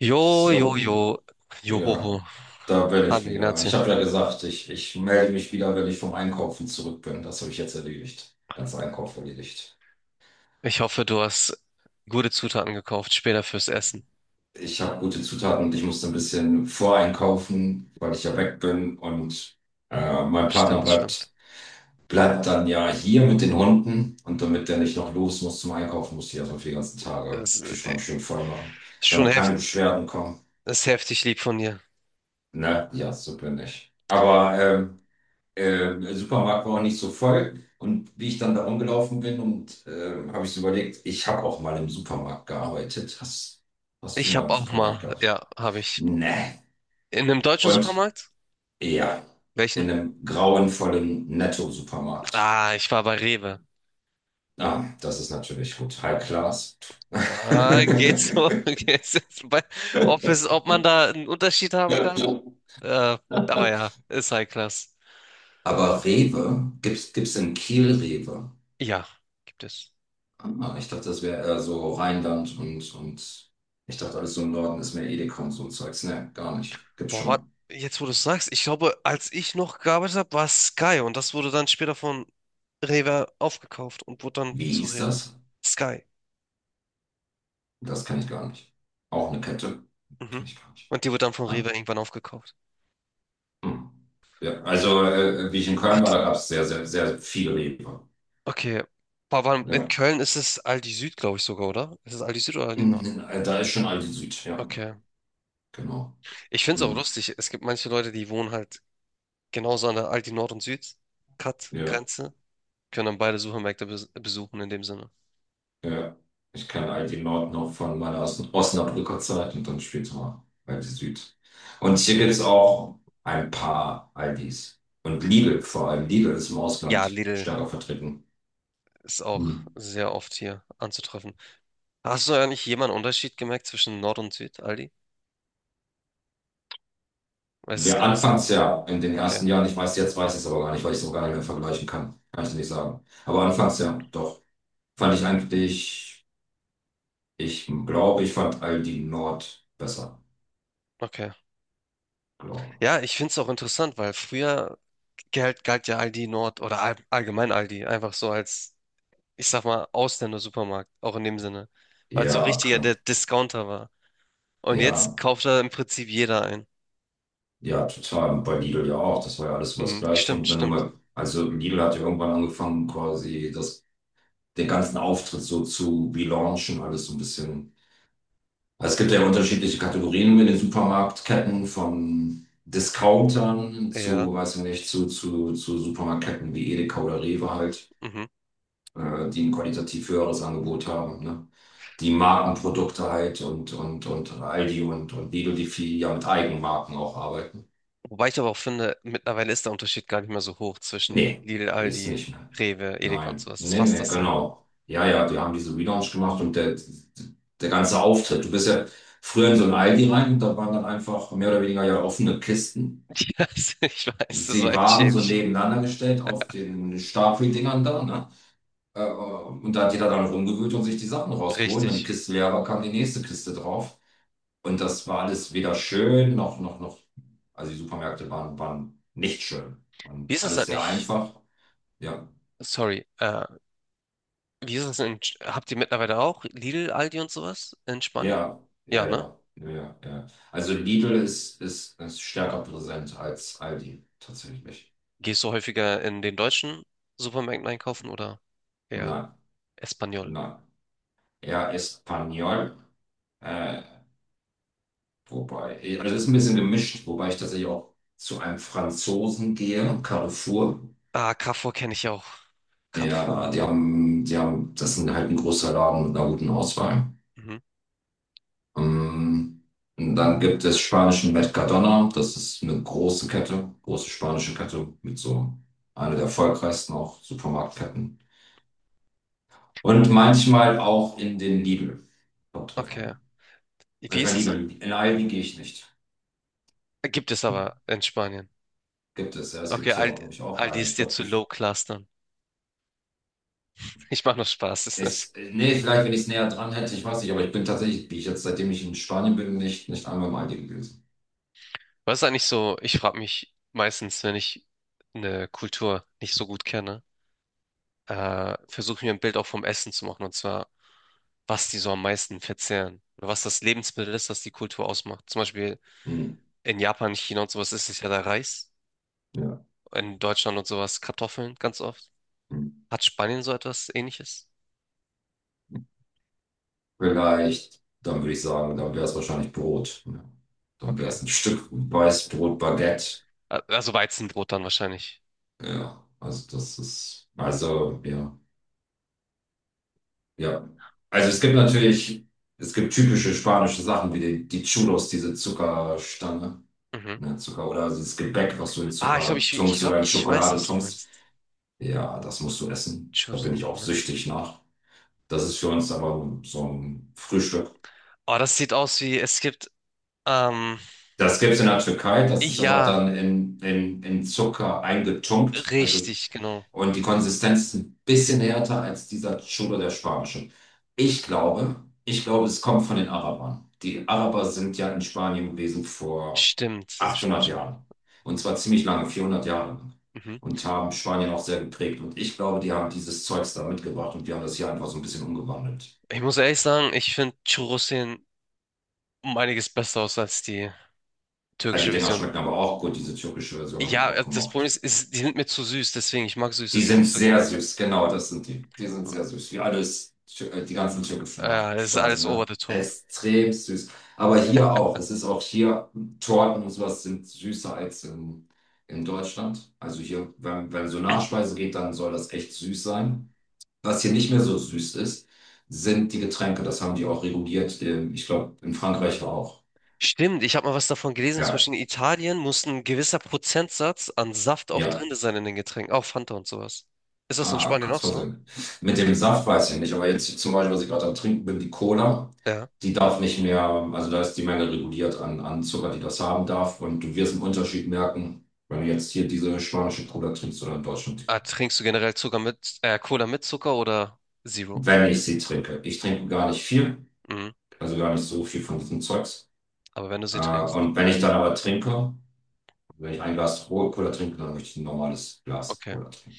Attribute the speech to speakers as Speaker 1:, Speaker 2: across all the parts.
Speaker 1: Jo, jo,
Speaker 2: So,
Speaker 1: jo, johoho.
Speaker 2: ja, da bin ich
Speaker 1: Hallo
Speaker 2: wieder.
Speaker 1: Ignazio.
Speaker 2: Ich habe ja gesagt, ich melde mich wieder, wenn ich vom Einkaufen zurück bin. Das habe ich jetzt erledigt. Ganz Einkauf erledigt.
Speaker 1: Ich hoffe, du hast gute Zutaten gekauft, später fürs Essen.
Speaker 2: Ich habe gute Zutaten und ich musste ein bisschen voreinkaufen, weil ich ja weg bin und mein Partner
Speaker 1: Stimmt, stimmt.
Speaker 2: bleibt, bleibt dann ja hier mit den Hunden, und damit der nicht noch los muss zum Einkaufen, muss ich erstmal für die ganzen Tage
Speaker 1: Es
Speaker 2: Kühlschrank schön voll machen,
Speaker 1: ist schon
Speaker 2: damit
Speaker 1: heft,
Speaker 2: keine Beschwerden kommen.
Speaker 1: Ist heftig lieb von dir.
Speaker 2: Ne? Ja, so bin ich. Aber Supermarkt war auch nicht so voll. Und wie ich dann da rumgelaufen bin und habe ich so überlegt, ich habe auch mal im Supermarkt gearbeitet. Hast du
Speaker 1: Ich
Speaker 2: mal
Speaker 1: habe
Speaker 2: im
Speaker 1: auch mal,
Speaker 2: Supermarkt gearbeitet?
Speaker 1: ja, habe ich.
Speaker 2: Nee.
Speaker 1: In einem deutschen
Speaker 2: Und
Speaker 1: Supermarkt?
Speaker 2: ja,
Speaker 1: Welchen?
Speaker 2: in einem grauenvollen Netto-Supermarkt.
Speaker 1: Ah, ich war bei Rewe.
Speaker 2: Ah, das ist natürlich gut. High Class.
Speaker 1: Ah, geht's so? Geht's jetzt bei, ob es, Ob man da einen Unterschied haben kann? Äh, aber ja, ist High Class.
Speaker 2: Aber Rewe, gibt's in Kiel Rewe?
Speaker 1: Ja, gibt es.
Speaker 2: Ah, ich dachte, das wäre eher so Rheinland, und ich dachte, alles so im Norden ist mehr Edeka und so Zeugs. Ne, gar nicht. Gibt's
Speaker 1: Boah, wat,
Speaker 2: schon.
Speaker 1: jetzt wo du es sagst, ich glaube, als ich noch gearbeitet habe, war es Sky und das wurde dann später von Rewe aufgekauft und wurde dann
Speaker 2: Wie
Speaker 1: zu
Speaker 2: ist
Speaker 1: Rewe.
Speaker 2: das?
Speaker 1: Sky.
Speaker 2: Das kann ich gar nicht. Auch eine Kette? Kenn
Speaker 1: Mhm.
Speaker 2: ich gar nicht.
Speaker 1: Und die wurde dann von Rewe
Speaker 2: Ah,
Speaker 1: irgendwann aufgekauft.
Speaker 2: hm. Ja, also, wie ich in
Speaker 1: Ah,
Speaker 2: Köln war,
Speaker 1: d-
Speaker 2: da gab es sehr, sehr, sehr viele Rewe.
Speaker 1: okay. In
Speaker 2: Ja.
Speaker 1: Köln ist es Aldi Süd, glaube ich sogar, oder? Ist es Aldi Süd oder Aldi Nord?
Speaker 2: Mhm, da ist schon Aldi Süd, ja.
Speaker 1: Okay.
Speaker 2: Genau.
Speaker 1: Ich finde es auch
Speaker 2: Hm.
Speaker 1: lustig. Es gibt manche Leute, die wohnen halt genauso an der Aldi Nord und Süd Cut
Speaker 2: Ja.
Speaker 1: Grenze, können dann beide Supermärkte besuchen in dem Sinne.
Speaker 2: Ja, ich kenne all die Nord noch von meiner Osnabrücker Zeit und dann später mal Aldi Süd. Und hier gibt es auch ein paar Aldis. Und Lidl, vor allem Lidl ist im
Speaker 1: Ja,
Speaker 2: Ausland
Speaker 1: Lidl
Speaker 2: stärker vertreten.
Speaker 1: ist auch
Speaker 2: Hm.
Speaker 1: sehr oft hier anzutreffen. Hast du eigentlich jemanden Unterschied gemerkt zwischen Nord und Süd, Aldi? Weil es ist
Speaker 2: Wir
Speaker 1: genau
Speaker 2: anfangs
Speaker 1: dasselbe.
Speaker 2: ja in den
Speaker 1: Okay,
Speaker 2: ersten Jahren, ich weiß, jetzt weiß ich es aber gar nicht, weil ich es auch gar nicht mehr vergleichen kann. Kann ich nicht sagen. Aber anfangs ja, doch. Fand ich eigentlich, ich glaube, ich fand Aldi Nord besser.
Speaker 1: okay.
Speaker 2: Glaube.
Speaker 1: Ja, ich finde es auch interessant, weil früher galt ja Aldi Nord oder allgemein Aldi einfach so als, ich sag mal, Ausländer-Supermarkt, auch in dem Sinne, weil es so
Speaker 2: Ja,
Speaker 1: richtiger
Speaker 2: klar.
Speaker 1: der Discounter war. Und jetzt
Speaker 2: Ja,
Speaker 1: kauft da im Prinzip jeder ein.
Speaker 2: ja, total. Und bei Lidl ja auch. Das war ja alles so das
Speaker 1: Mhm,
Speaker 2: Gleiche.
Speaker 1: stimmt,
Speaker 2: Und wenn du
Speaker 1: stimmt.
Speaker 2: mal, also Lidl hat ja irgendwann angefangen, quasi das, den ganzen Auftritt so zu relaunchen, alles so ein bisschen. Also es gibt ja unterschiedliche Kategorien in den Supermarktketten von Discountern
Speaker 1: Ja.
Speaker 2: zu, weiß ich nicht, zu Supermarktketten wie Edeka oder Rewe halt,
Speaker 1: Mhm.
Speaker 2: die ein qualitativ höheres Angebot haben, ne? Die Markenprodukte halt und Aldi und Lidl, die viel ja mit Eigenmarken auch arbeiten.
Speaker 1: Wobei ich aber auch finde, mittlerweile ist der Unterschied gar nicht mehr so hoch zwischen
Speaker 2: Nee,
Speaker 1: Lidl,
Speaker 2: ist
Speaker 1: Aldi,
Speaker 2: nicht mehr.
Speaker 1: Rewe, Edeka und
Speaker 2: Nein,
Speaker 1: sowas. Es ist
Speaker 2: nee,
Speaker 1: fast
Speaker 2: nee,
Speaker 1: dasselbe.
Speaker 2: genau. Ja, ja, die haben diese Relaunch gemacht und der ganze Auftritt. Du bist ja früher in so ein Aldi rein und da waren dann einfach mehr oder weniger ja offene Kisten.
Speaker 1: Ja, ich weiß, das war
Speaker 2: Sie
Speaker 1: echt
Speaker 2: waren so
Speaker 1: schäbig.
Speaker 2: nebeneinander gestellt auf den Stapeldingern da, ne? Und da hat jeder dann rumgewühlt und sich die Sachen rausgeholt. Wenn die
Speaker 1: Richtig.
Speaker 2: Kiste leer war, kam die nächste Kiste drauf. Und das war alles weder schön noch. Also die waren nicht schön
Speaker 1: Wie
Speaker 2: und
Speaker 1: ist das
Speaker 2: alles
Speaker 1: denn
Speaker 2: sehr
Speaker 1: nicht?
Speaker 2: einfach. Ja,
Speaker 1: Sorry. Wie ist das denn Habt ihr mittlerweile auch Lidl, Aldi und sowas in Spanien?
Speaker 2: ja,
Speaker 1: Ja,
Speaker 2: ja,
Speaker 1: ne?
Speaker 2: ja, ja, ja. Also Lidl ist stärker präsent als Aldi, tatsächlich.
Speaker 1: Gehst du häufiger in den deutschen Supermärkten einkaufen oder eher
Speaker 2: Nein,
Speaker 1: Espanol?
Speaker 2: nein. Ja, Espanyol, äh, wobei, also es ist ein bisschen gemischt, wobei ich tatsächlich auch zu einem Franzosen gehe, Carrefour.
Speaker 1: Ah, Carrefour kenne ich auch.
Speaker 2: Ja,
Speaker 1: Carrefour.
Speaker 2: die haben, das sind halt ein großer Laden mit einer guten Auswahl.
Speaker 1: Mhm.
Speaker 2: Ähm, und dann gibt es spanischen Mercadona, das ist eine große Kette, große spanische Kette mit so einer der erfolgreichsten auch Supermarktketten. Und manchmal auch in den Lidl. Kommt drauf
Speaker 1: Okay.
Speaker 2: an.
Speaker 1: Wie
Speaker 2: Manchmal
Speaker 1: ist es?
Speaker 2: Lidl. In Aldi gehe ich nicht.
Speaker 1: Gibt es aber in Spanien.
Speaker 2: Gibt es, ja. Es
Speaker 1: Okay,
Speaker 2: gibt hier auch,
Speaker 1: Aldi,
Speaker 2: glaube ich, auch
Speaker 1: Aldi
Speaker 2: einen.
Speaker 1: ist
Speaker 2: Ich
Speaker 1: dir
Speaker 2: glaube,
Speaker 1: zu low
Speaker 2: ich.
Speaker 1: class dann. Ich mache noch Spaß.
Speaker 2: Es, nee, vielleicht, wenn ich es näher dran hätte, ich weiß nicht, aber ich bin tatsächlich, wie ich jetzt, seitdem ich in Spanien bin, nicht einmal im Aldi gewesen.
Speaker 1: Was ist eigentlich so? Ich frage mich meistens, wenn ich eine Kultur nicht so gut kenne, versuche mir ein Bild auch vom Essen zu machen, und zwar, was die so am meisten verzehren. Oder was das Lebensmittel ist, das die Kultur ausmacht. Zum Beispiel
Speaker 2: Hm.
Speaker 1: in Japan, China und sowas ist es ja der Reis.
Speaker 2: Ja.
Speaker 1: In Deutschland und sowas Kartoffeln ganz oft.
Speaker 2: Hm.
Speaker 1: Hat Spanien so etwas Ähnliches?
Speaker 2: Vielleicht, dann würde ich sagen, dann wäre es wahrscheinlich Brot. Ja. Dann wäre
Speaker 1: Okay.
Speaker 2: es ein Stück Weißbrot, Baguette.
Speaker 1: Also Weizenbrot dann wahrscheinlich.
Speaker 2: Ja, also das ist, also ja, ja. Also es gibt natürlich, es gibt typische spanische Sachen wie die Chulos, diese Zuckerstange,
Speaker 1: Mhm.
Speaker 2: ne, Zucker oder dieses Gebäck, was du in
Speaker 1: Ah, ich glaube,
Speaker 2: Zucker
Speaker 1: ich
Speaker 2: tunkst
Speaker 1: glaube,
Speaker 2: oder in
Speaker 1: ich weiß,
Speaker 2: Schokolade
Speaker 1: was du
Speaker 2: tunkst.
Speaker 1: meinst.
Speaker 2: Ja, das musst du essen. Da bin
Speaker 1: Chorizo,
Speaker 2: ich auch
Speaker 1: Moment.
Speaker 2: süchtig nach. Das ist für uns aber so ein Frühstück.
Speaker 1: Oh, das sieht aus wie, es gibt, ähm,
Speaker 2: Das gibt es in der Türkei, das ist aber
Speaker 1: ja,
Speaker 2: dann in, in Zucker eingetunkt. Also,
Speaker 1: richtig, genau.
Speaker 2: und die Konsistenz ist ein bisschen härter als dieser Churro, der spanische. Ich glaube, es kommt von den Arabern. Die Araber sind ja in Spanien gewesen vor
Speaker 1: Stimmt, stimmt,
Speaker 2: 800
Speaker 1: stimmt.
Speaker 2: Jahren. Und zwar ziemlich lange, 400 Jahre lang.
Speaker 1: Mhm.
Speaker 2: Und haben Spanien auch sehr geprägt. Und ich glaube, die haben dieses Zeugs da mitgebracht und wir haben das hier einfach so ein bisschen umgewandelt.
Speaker 1: Ich muss ehrlich sagen, ich finde Churros sehen um einiges besser aus als die
Speaker 2: Ja, die
Speaker 1: türkische
Speaker 2: Dinger
Speaker 1: Version.
Speaker 2: schmecken aber auch gut. Diese türkische Version habe ich
Speaker 1: Ja,
Speaker 2: auch
Speaker 1: das Problem
Speaker 2: gemocht.
Speaker 1: ist, die sind mir zu süß, deswegen, ich mag
Speaker 2: Die
Speaker 1: Süßes ja
Speaker 2: sind
Speaker 1: nicht so
Speaker 2: sehr
Speaker 1: gerne.
Speaker 2: süß, genau, das sind die. Die sind sehr süß, wie alles, die ganzen türkischen
Speaker 1: Ja, das ist
Speaker 2: Nachspeisen,
Speaker 1: alles over
Speaker 2: ne?
Speaker 1: the top.
Speaker 2: Extrem süß. Aber hier auch, es ist auch hier, Torten und sowas sind süßer als in Deutschland. Also hier, wenn so Nachspeise geht, dann soll das echt süß sein. Was hier nicht mehr so süß ist, sind die Getränke. Das haben die auch reguliert. Ich glaube, in Frankreich auch.
Speaker 1: Stimmt, ich habe mal was davon gelesen, zum
Speaker 2: Ja,
Speaker 1: Beispiel in Italien muss ein gewisser Prozentsatz an Saft auch
Speaker 2: ja.
Speaker 1: drin sein in den Getränken, auch Fanta und sowas. Ist das in
Speaker 2: Ah,
Speaker 1: Spanien
Speaker 2: kannst
Speaker 1: auch so?
Speaker 2: versehen. Mit dem Saft weiß ich nicht, aber jetzt zum Beispiel, was ich gerade am Trinken bin, die Cola,
Speaker 1: Ja.
Speaker 2: die darf nicht mehr, also da ist die Menge reguliert an, an Zucker, die das haben darf. Und du wirst einen Unterschied merken, wenn du jetzt hier diese spanische Cola trinkst oder in Deutschland die Cola.
Speaker 1: Ah, trinkst du generell Cola mit Zucker oder Zero?
Speaker 2: Wenn ich sie trinke. Ich trinke gar nicht viel,
Speaker 1: Mhm.
Speaker 2: also gar nicht so viel von diesem Zeugs.
Speaker 1: Aber wenn du
Speaker 2: Äh,
Speaker 1: sie trinkst.
Speaker 2: und wenn ich dann aber trinke, wenn ich ein Glas rohe Cola trinke, dann möchte ich ein normales Glas
Speaker 1: Okay.
Speaker 2: Cola trinken.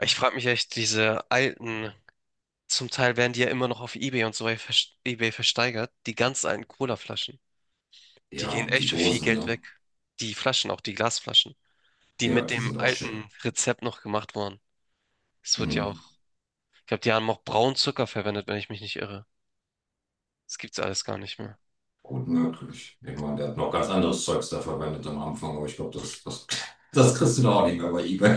Speaker 1: Ich frage mich echt, diese alten Zum Teil werden die ja immer noch auf eBay und so eBay versteigert. Die ganz alten Cola-Flaschen. Die
Speaker 2: Ja,
Speaker 1: gehen
Speaker 2: und die
Speaker 1: echt für viel
Speaker 2: Dosen,
Speaker 1: Geld
Speaker 2: ne?
Speaker 1: weg. Die Flaschen, auch die Glasflaschen, die
Speaker 2: Ja,
Speaker 1: mit
Speaker 2: die
Speaker 1: dem
Speaker 2: sind auch schick.
Speaker 1: alten Rezept noch gemacht wurden. Es wird ja auch,
Speaker 2: Mhm.
Speaker 1: Ich glaube, die haben auch braunen Zucker verwendet, wenn ich mich nicht irre. Das gibt's alles gar nicht mehr.
Speaker 2: Gut möglich. Ich meine, der hat noch ganz anderes Zeugs da verwendet am Anfang, aber ich glaube, das kriegst du doch auch nicht mehr bei eBay.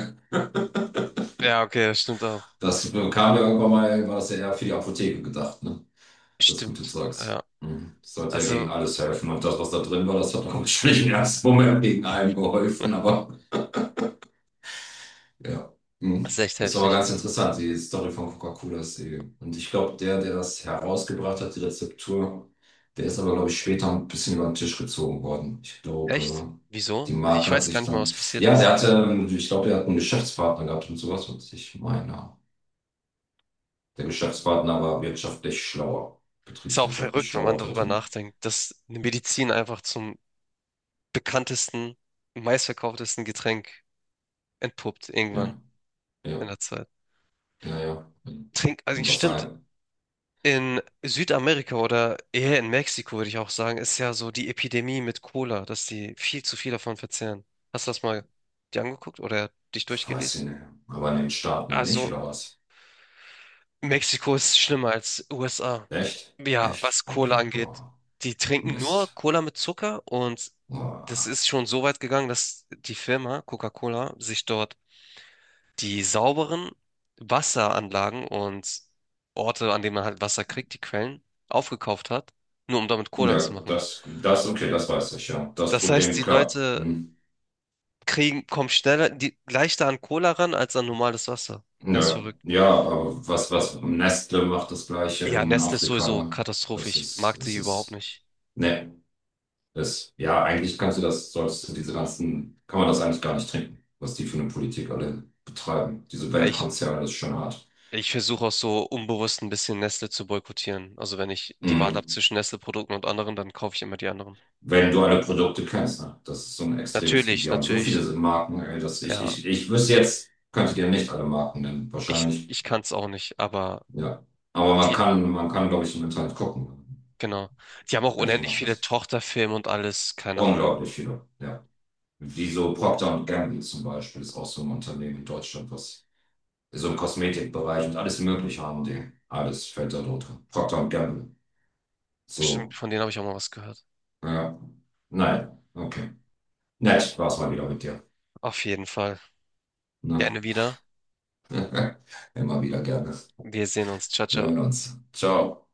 Speaker 1: Ja, okay, das stimmt auch.
Speaker 2: Das kam ja irgendwann mal, war das ja eher für die Apotheke gedacht, ne? Das gute
Speaker 1: Stimmt,
Speaker 2: Zeugs.
Speaker 1: ja.
Speaker 2: Mhm. Das sollte ja gegen
Speaker 1: Also,
Speaker 2: alles helfen. Und das, was da drin war, das hat auch nicht im ersten Moment gegen allem geholfen, aber. Ja.
Speaker 1: das
Speaker 2: Mhm.
Speaker 1: ist echt
Speaker 2: Das ist aber
Speaker 1: heftig.
Speaker 2: ganz interessant, die Story von Coca-Cola ist die. Und ich glaube, der das herausgebracht hat, die Rezeptur, der ist aber, glaube ich, später ein bisschen über den Tisch gezogen worden. Ich
Speaker 1: Echt?
Speaker 2: glaube, die
Speaker 1: Wieso? Ich
Speaker 2: Marke hat
Speaker 1: weiß gar
Speaker 2: sich
Speaker 1: nicht mal,
Speaker 2: dann.
Speaker 1: was passiert
Speaker 2: Ja,
Speaker 1: ist.
Speaker 2: der hatte, ich glaube, der hat einen Geschäftspartner gehabt und sowas, was ich meine. Der Geschäftspartner war wirtschaftlich schlauer,
Speaker 1: Ist auch
Speaker 2: betriebswirtschaftlich
Speaker 1: verrückt, wenn
Speaker 2: schlauer
Speaker 1: man darüber
Speaker 2: hatte.
Speaker 1: nachdenkt, dass eine Medizin einfach zum bekanntesten, meistverkauftesten Getränk entpuppt irgendwann
Speaker 2: Ja,
Speaker 1: in
Speaker 2: ja,
Speaker 1: der Zeit.
Speaker 2: ja, ja. Und was
Speaker 1: Stimmt,
Speaker 2: sein?
Speaker 1: in Südamerika oder eher in Mexiko würde ich auch sagen, ist ja so die Epidemie mit Cola, dass die viel zu viel davon verzehren. Hast du das mal dir angeguckt oder dich
Speaker 2: Weiß
Speaker 1: durchgelesen?
Speaker 2: ich nicht. Aber in den Staaten nicht,
Speaker 1: Also
Speaker 2: oder was?
Speaker 1: Mexiko ist schlimmer als USA.
Speaker 2: Echt?
Speaker 1: Ja,
Speaker 2: Echt?
Speaker 1: was Cola
Speaker 2: Okay,
Speaker 1: angeht.
Speaker 2: boah.
Speaker 1: Die trinken nur
Speaker 2: Mist.
Speaker 1: Cola mit Zucker und das
Speaker 2: Ah.
Speaker 1: ist schon so weit gegangen, dass die Firma Coca-Cola sich dort die sauberen Wasseranlagen und Orte, an denen man halt Wasser kriegt, die Quellen, aufgekauft hat, nur um damit Cola
Speaker 2: Ja,
Speaker 1: zu machen.
Speaker 2: okay, das weiß ich, ja. Das
Speaker 1: Das heißt,
Speaker 2: Problem,
Speaker 1: die
Speaker 2: klar.
Speaker 1: Leute
Speaker 2: Hm.
Speaker 1: kommen leichter an Cola ran als an normales Wasser. Das ist
Speaker 2: Ja,
Speaker 1: verrückt.
Speaker 2: ja, aber was Nestle macht das Gleiche
Speaker 1: Ja,
Speaker 2: in
Speaker 1: Nestle ist
Speaker 2: Afrika,
Speaker 1: sowieso
Speaker 2: ne? Das
Speaker 1: katastrophisch. Ich
Speaker 2: ist,
Speaker 1: mag die
Speaker 2: es
Speaker 1: überhaupt
Speaker 2: ist,
Speaker 1: nicht.
Speaker 2: ne, das, ja, eigentlich kannst du das, solltest du diese ganzen, kann man das eigentlich gar nicht trinken, was die für eine Politik alle betreiben. Diese
Speaker 1: Ja,
Speaker 2: Weltkonzerne, das ist schon hart.
Speaker 1: ich versuche auch so unbewusst ein bisschen Nestle zu boykottieren. Also wenn ich die Wahl habe
Speaker 2: Hm.
Speaker 1: zwischen Nestle-Produkten und anderen, dann kaufe ich immer die anderen.
Speaker 2: Wenn du alle Produkte kennst, ne? Das ist so ein extremes, und
Speaker 1: Natürlich,
Speaker 2: die haben so viele
Speaker 1: natürlich.
Speaker 2: Marken, ey, dass ich,
Speaker 1: Ja,
Speaker 2: ich wüsste jetzt, könnte dir nicht alle Marken nennen, wahrscheinlich.
Speaker 1: ich kann es auch nicht, aber
Speaker 2: Ja. Aber
Speaker 1: die,
Speaker 2: man kann, glaube ich, im Internet gucken,
Speaker 1: genau. Die haben auch
Speaker 2: welche
Speaker 1: unendlich
Speaker 2: Marken
Speaker 1: viele
Speaker 2: das.
Speaker 1: Tochterfilme und alles, keine Ahnung.
Speaker 2: Unglaublich viele, ja. Wie so Procter und Gamble zum Beispiel, ist auch so ein Unternehmen in Deutschland, was so im Kosmetikbereich und alles Mögliche haben die. Alles fällt da drunter. Procter und Gamble.
Speaker 1: Stimmt,
Speaker 2: So,
Speaker 1: von denen habe ich auch mal was gehört.
Speaker 2: ja. Nein, okay. Nett, war's mal wieder mit dir.
Speaker 1: Auf jeden Fall.
Speaker 2: Na?
Speaker 1: Gerne wieder.
Speaker 2: Immer wieder gerne.
Speaker 1: Wir sehen uns. Ciao,
Speaker 2: Wir
Speaker 1: ciao.
Speaker 2: hören uns. Ciao.